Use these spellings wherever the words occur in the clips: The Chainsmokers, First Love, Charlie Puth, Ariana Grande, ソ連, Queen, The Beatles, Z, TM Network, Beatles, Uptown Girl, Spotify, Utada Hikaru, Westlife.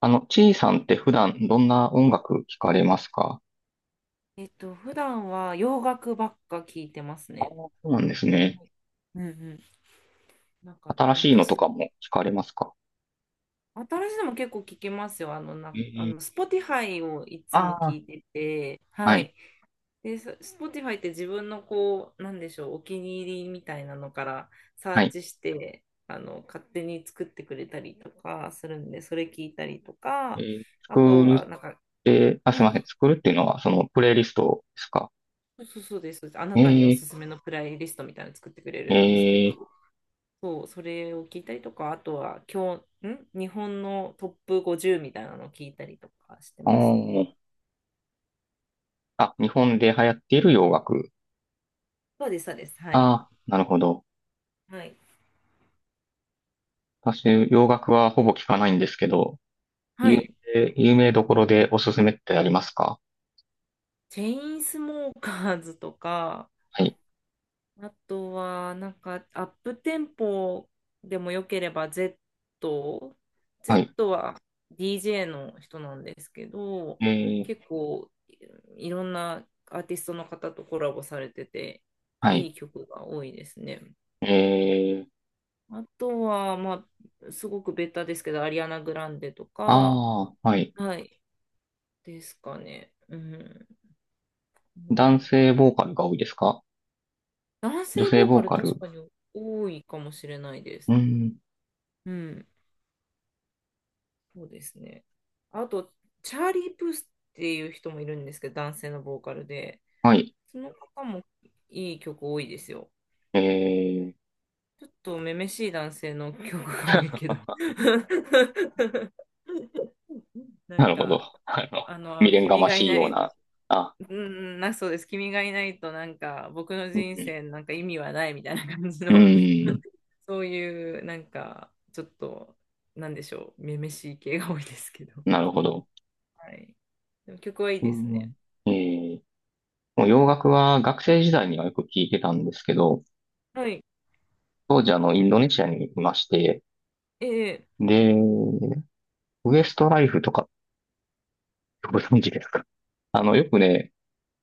ちいさんって普段どんな音楽聞かれますか？普段は洋楽ばっか聞いてますあ、ね。そうなんですね。はい。うんうん。なんか新しいのと私、かも聞かれますか？新しいのも結構聞きますよ。あの、な、あえの、え。 Spotify をいつも聞ああ。いてて、ははい、い。で、Spotify って自分のこう、なんでしょう、お気に入りみたいなのからサはーい。チして、勝手に作ってくれたりとかするんで、それ聞いたりとか、あと作るは、っなんか、て、あ、すいうまん、せん。作るっていうのは、その、プレイリストですか？そうそうそうです。あなたにおええ。すすめのプレイリストみたいなの作ってくれるんですけど、ええ。そう、それを聞いたりとか、あとは今日、日本のトップ50みたいなのを聞いたりとかしてあますね。ー。あ、日本で流行っている洋楽。そうです、そうです。はあい。あ、なるほど。はい。私、洋楽はほぼ聞かないんですけど、は有い。有名どころでおすすめってありますか？チェインスモーカーズとか、はい、あとは、なんか、アップテンポでもよければ Z、は Z い。は DJ の人なんですけど、ええ。結構いろんなアーティストの方とコラボされてて、はいい。い曲が多いですね。え。あとは、まあ、すごくベタですけど、アリアナ・グランデとか、ああ、はい。はい、ですかね。うん。ま男あ性ボーカルが多いですか？男女性性ボーボカールカ確ル。かに多いかもしれないでうす。ん。うん。そうですね。あと、チャーリー・プースっていう人もいるんですけど、男性のボーカルで、はい。その方もいい曲多いですよ。えー、ちょっとめめしい男性の曲が多いけど。ななんるほか、ど。未練が君まがいしいなようい、な。あ、うん、そうです。君がいないと、なんか、僕のう人ん。生なんか意味はないみたいな感じうの、ん。そういう、なんか、ちょっと、なんでしょう、めめしい系が多いですけど。なるほど。はい。でも曲はいいうですね。ん。えー、もう洋楽は学生時代にはよく聞いてたんですけど、はい。当時インドネシアにいまして、ええ、で、ウエストライフとかご存知ですか？よくね、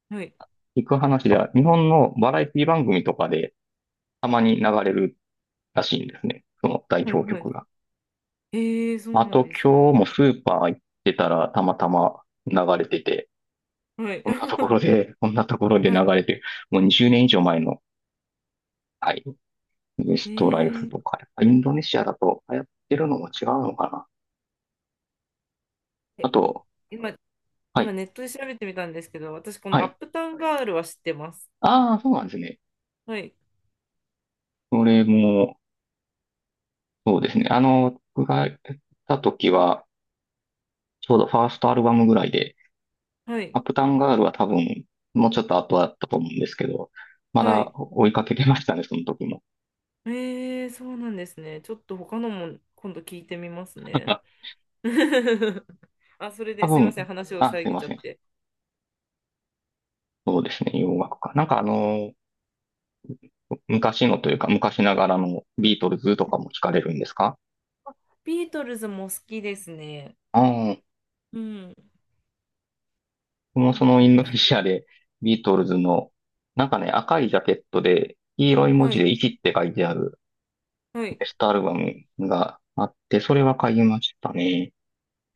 はい。聞く話では、日本のバラエティ番組とかでたまに流れるらしいんですね。その代はい、表はい。曲が。ええ、そうまあなんとです今ね。日もスーパー行ってたらたまたま流れてて、はい。こんなところ で、こんなところでは流い。れてる、もう20年以上前の、はい、ウエストライフえとえか、やっぱインドネシアだと流行ってるのも違うのかな。あえと、今、は今い、ネットで調べてみたんですけど、私、こはのアッい。プタウンガールは知ってます。ああ、そうなんですね。はい。これも、そうですね。僕が行った時は、ちょうどファーストアルバムぐらいで、はアい。ップタウンガールは多分、もうちょっと後だったと思うんですけど、まはだい。追いかけてましたね、その時も。ええ、そうなんですね。ちょっと他のも今度聞いてみますね。あ、あ、それ多ですいません、分、話をあ、すい遮っちまゃせっん。て。そうですね、洋楽か。なんか昔のというか、昔ながらのビートルズとかも聞かれるんですか？ビートルズも好きですね。ああー、うん。僕もそビーのトインルドズ。ネシアでビートルズの、なんかね、赤いジャケットで、黄色い文は字でい、生きって書いてあるはベい。ストアルバムがあって、それは買いましたね。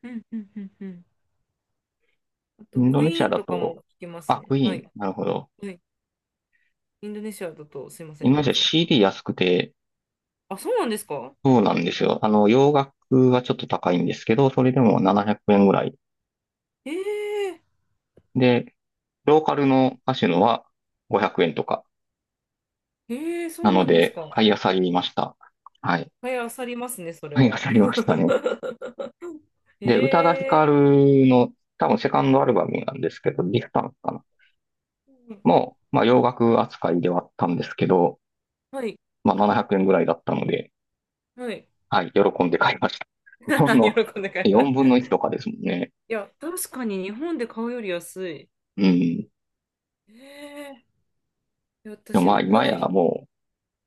うん、うん、うん、うん。あイと、ンドクネシイアーンだとかもと、聞きますあ、クね。イはーい、ン、なるほど。はい。インドネシアだと、すいませインん、ドネどシうア ぞ。CD 安くて、あ、そうなんですか。そうなんですよ。洋楽はちょっと高いんですけど、それでも700円ぐらい。ええで、ローカルのカシュノは500円とか。そなうのなんですで、か。買い漁りました。はい。はい、あさりますね、それ買い漁は。りましたね。で、宇多田ヒカ ええ、ルの多分セカンドアルバムなんですけど、ディスタンスかな。もう、まあ洋楽扱いではあったんですけど、はい、まあ700円ぐらいだったので、はい。はい、喜んで買いました。日本の喜んで買いま4分す。の1とかですもんね。いや、確かに日本で買うより安い。うん。ええ、いや、でも私、まあ宇多今田やヒ、も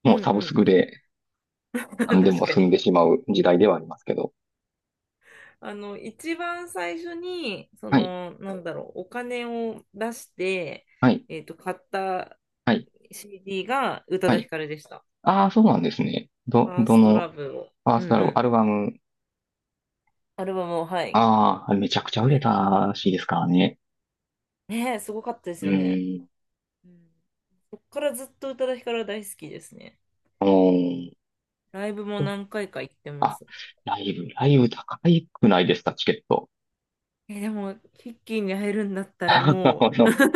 う、うもんうサうブスん。クで 何で確もか済んに。でしまう時代ではありますけど。一番最初に、そはい、の、なんだろう、お金を出して、はい、買った はい、CD が宇多は田ヒい。カルでした。ああ、そうなんですね。ファーどストラの、ブを。ファーうんスうトアルバム、アん。ルバム、アルバムを、はい。ああ、めちゃくちゃ売れたらしいですからね。ねえ、すごかったでうすよね。ーん。うん。そっからずっと宇多田ヒカルは大好きですね。おーライブもと何回か行ってまあ、す。ライブ高いくないですか、チケット？え、でも、ヒッキーに会えるんだっ たらあもう の、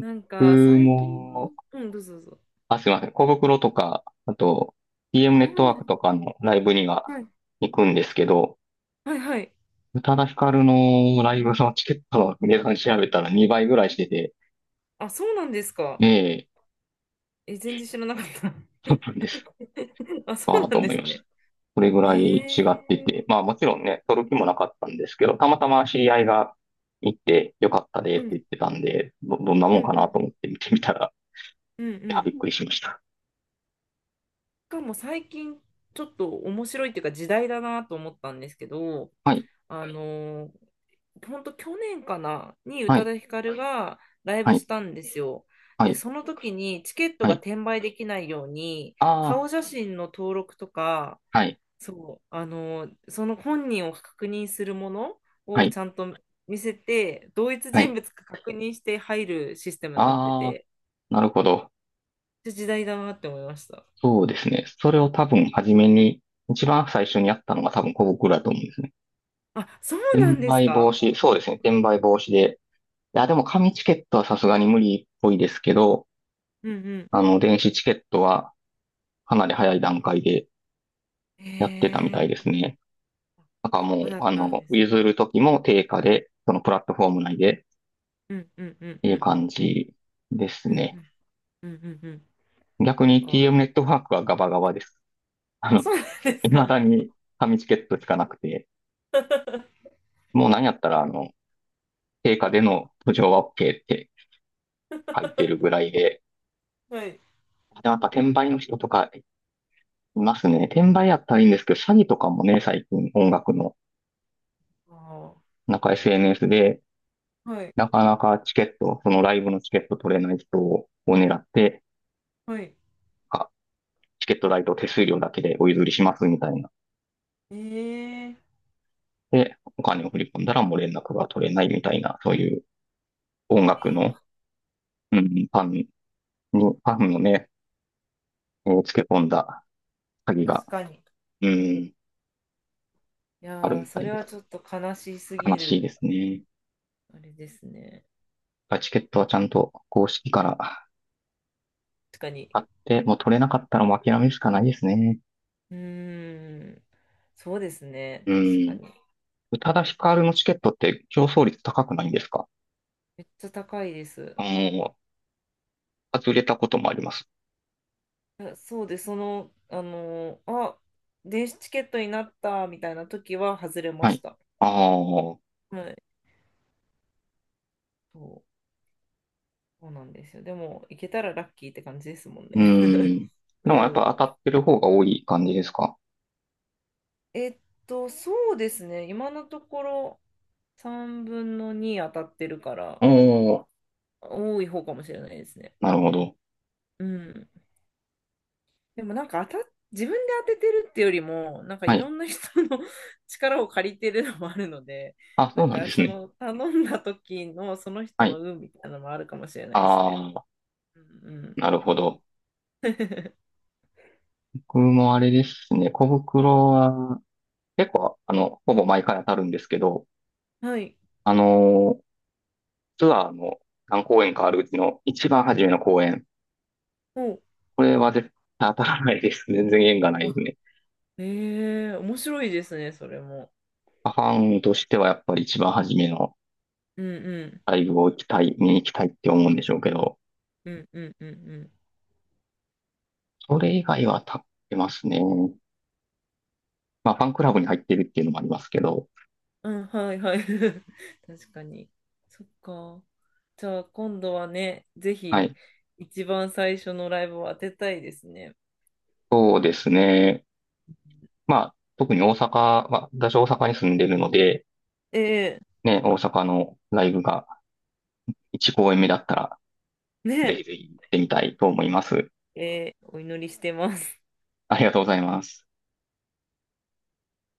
なんか、僕最近、も、うん、どうぞどうぞ。あ、すいません。小袋とか、あと、DM ネットワークあとかのライブにはあ、はい、行くんですけど、はい、はい。宇多田ヒカルのライブのチケットの値段調べたら2倍ぐらいしてて、あ、そうなんですえか。え、え、全然知らなかった。そうなんです。あ、そあうあ、なとんで思いすました。ね。それぐえらい違ってえ、て、まあもちろんね、取る気もなかったんですけど、たまたま知り合いが行ってよかったでうって言ん、ってたんで、どんなもうんん、かうなとん、思って見てみたら、うん、ういや、ん。しびっくりしました。かも最近、ちょっと面白いっていうか、時代だなと思ったんですけど、はい、あの本当去年かなに宇は多い、田ヒカルがライはブしい、たんですよ。はで、い、その時にチケットはがい。転売できないように、ああ、顔写真の登録とか、はい、そう、その本人を確認するものはをい、ちゃんと見せて、同一は人い。物か確認して入るシステムになってああ、て、なるほど。めっちゃ時代だなって思いました。そうですね。それを多分初めに、一番最初にやったのが多分小僕だと思うんですね。あ、そうなん転です売防か。止、そうですね。転売防止で。いや、でも紙チケットはさすがに無理っぽいですけど、うんう電子チケットはかなり早い段階でん。やってたみたいへですえ、ね。なんかもそう、うだったんです。譲るときも定価で、そのプラットフォーム内でっうんうんうんていううん。感じですうんね。うんうんうんうん。逆なんに か、TM ネットワークはガバガバです。ああ、の、そうなんです未か。だに紙チケットしかなくて、もう何やったら、定価での途上は OK って書いてるぐらいで、はい。でもやっぱ転売の人とかいますね。転売やったらいいんですけど、詐欺とかもね、最近音楽の、あー、なんか SNS で、はい。なかなかチケット、そのライブのチケット取れない人を狙って、はい。あ、チケット代と手数料だけでお譲りしますみたいな。ええ、で、お金を振り込んだらもう連絡が取れないみたいな、そういう音楽の、うん、ファンに、ファンのね、をつけ込んだ詐欺が、確かに。うん、いあるやー、みたそいれではす。ちょっと悲しすぎ悲しいでる。すね。あれですね。チケットはちゃんと公式から確かに。買って、もう取れなかったらもう諦めるしかないですね。うーん。そうですね。う確かん。に。宇多田ヒカルのチケットって競争率高くないんですか？めっちゃ高いであす。の、外れたこともあります。いや、そうです。電子チケットになったみたいな時は外れまはしい。た。ああ、うはい。そう、そうなんですよ。でも、行けたらラッキーって感じですもんーね。ん。でうもやっぱん。当たってる方が多い感じですか？えっそうですね。今のところ3分の2当たってるから、おおー、多い方かもしれないですね。なるほど。うん。でもなんか当たっ、自分で当ててるってよりも、なんかはいろい。んな人の 力を借りてるのもあるので、あ、そなうんなんかですそね。の頼んだ時のそのは人のい。運みたいなのもあるかもしれないですあね。あ、うんうん。なるほど。僕もあれですね、小袋は結構、ほぼ毎回当たるんですけど、はい。あのーツアーの何公演かあるうちの一番初めの公演。お、これは絶対当たらないです。全然縁がないであ、すね。ええ、面白いですね、それも。ファンとしてはやっぱり一番初めのうんうん。ライブを行きたい、見に行きたいって思うんでしょうけど、うんうんうんうん。それ以外は立ってますね。まあ、ファンクラブに入ってるっていうのもありますけど、うん、はいはい。確かに。そっか。じゃあ今度はね、ぜはひい。一番最初のライブを当てたいですね。そうですね。まあ、特に大阪、まあ、私大阪に住んでるので、ええ、ね、大阪のライブが1公演目だったら、ぜねひぜひ行ってみたいと思います。え、ええ、お祈りしてます。ありがとうございます。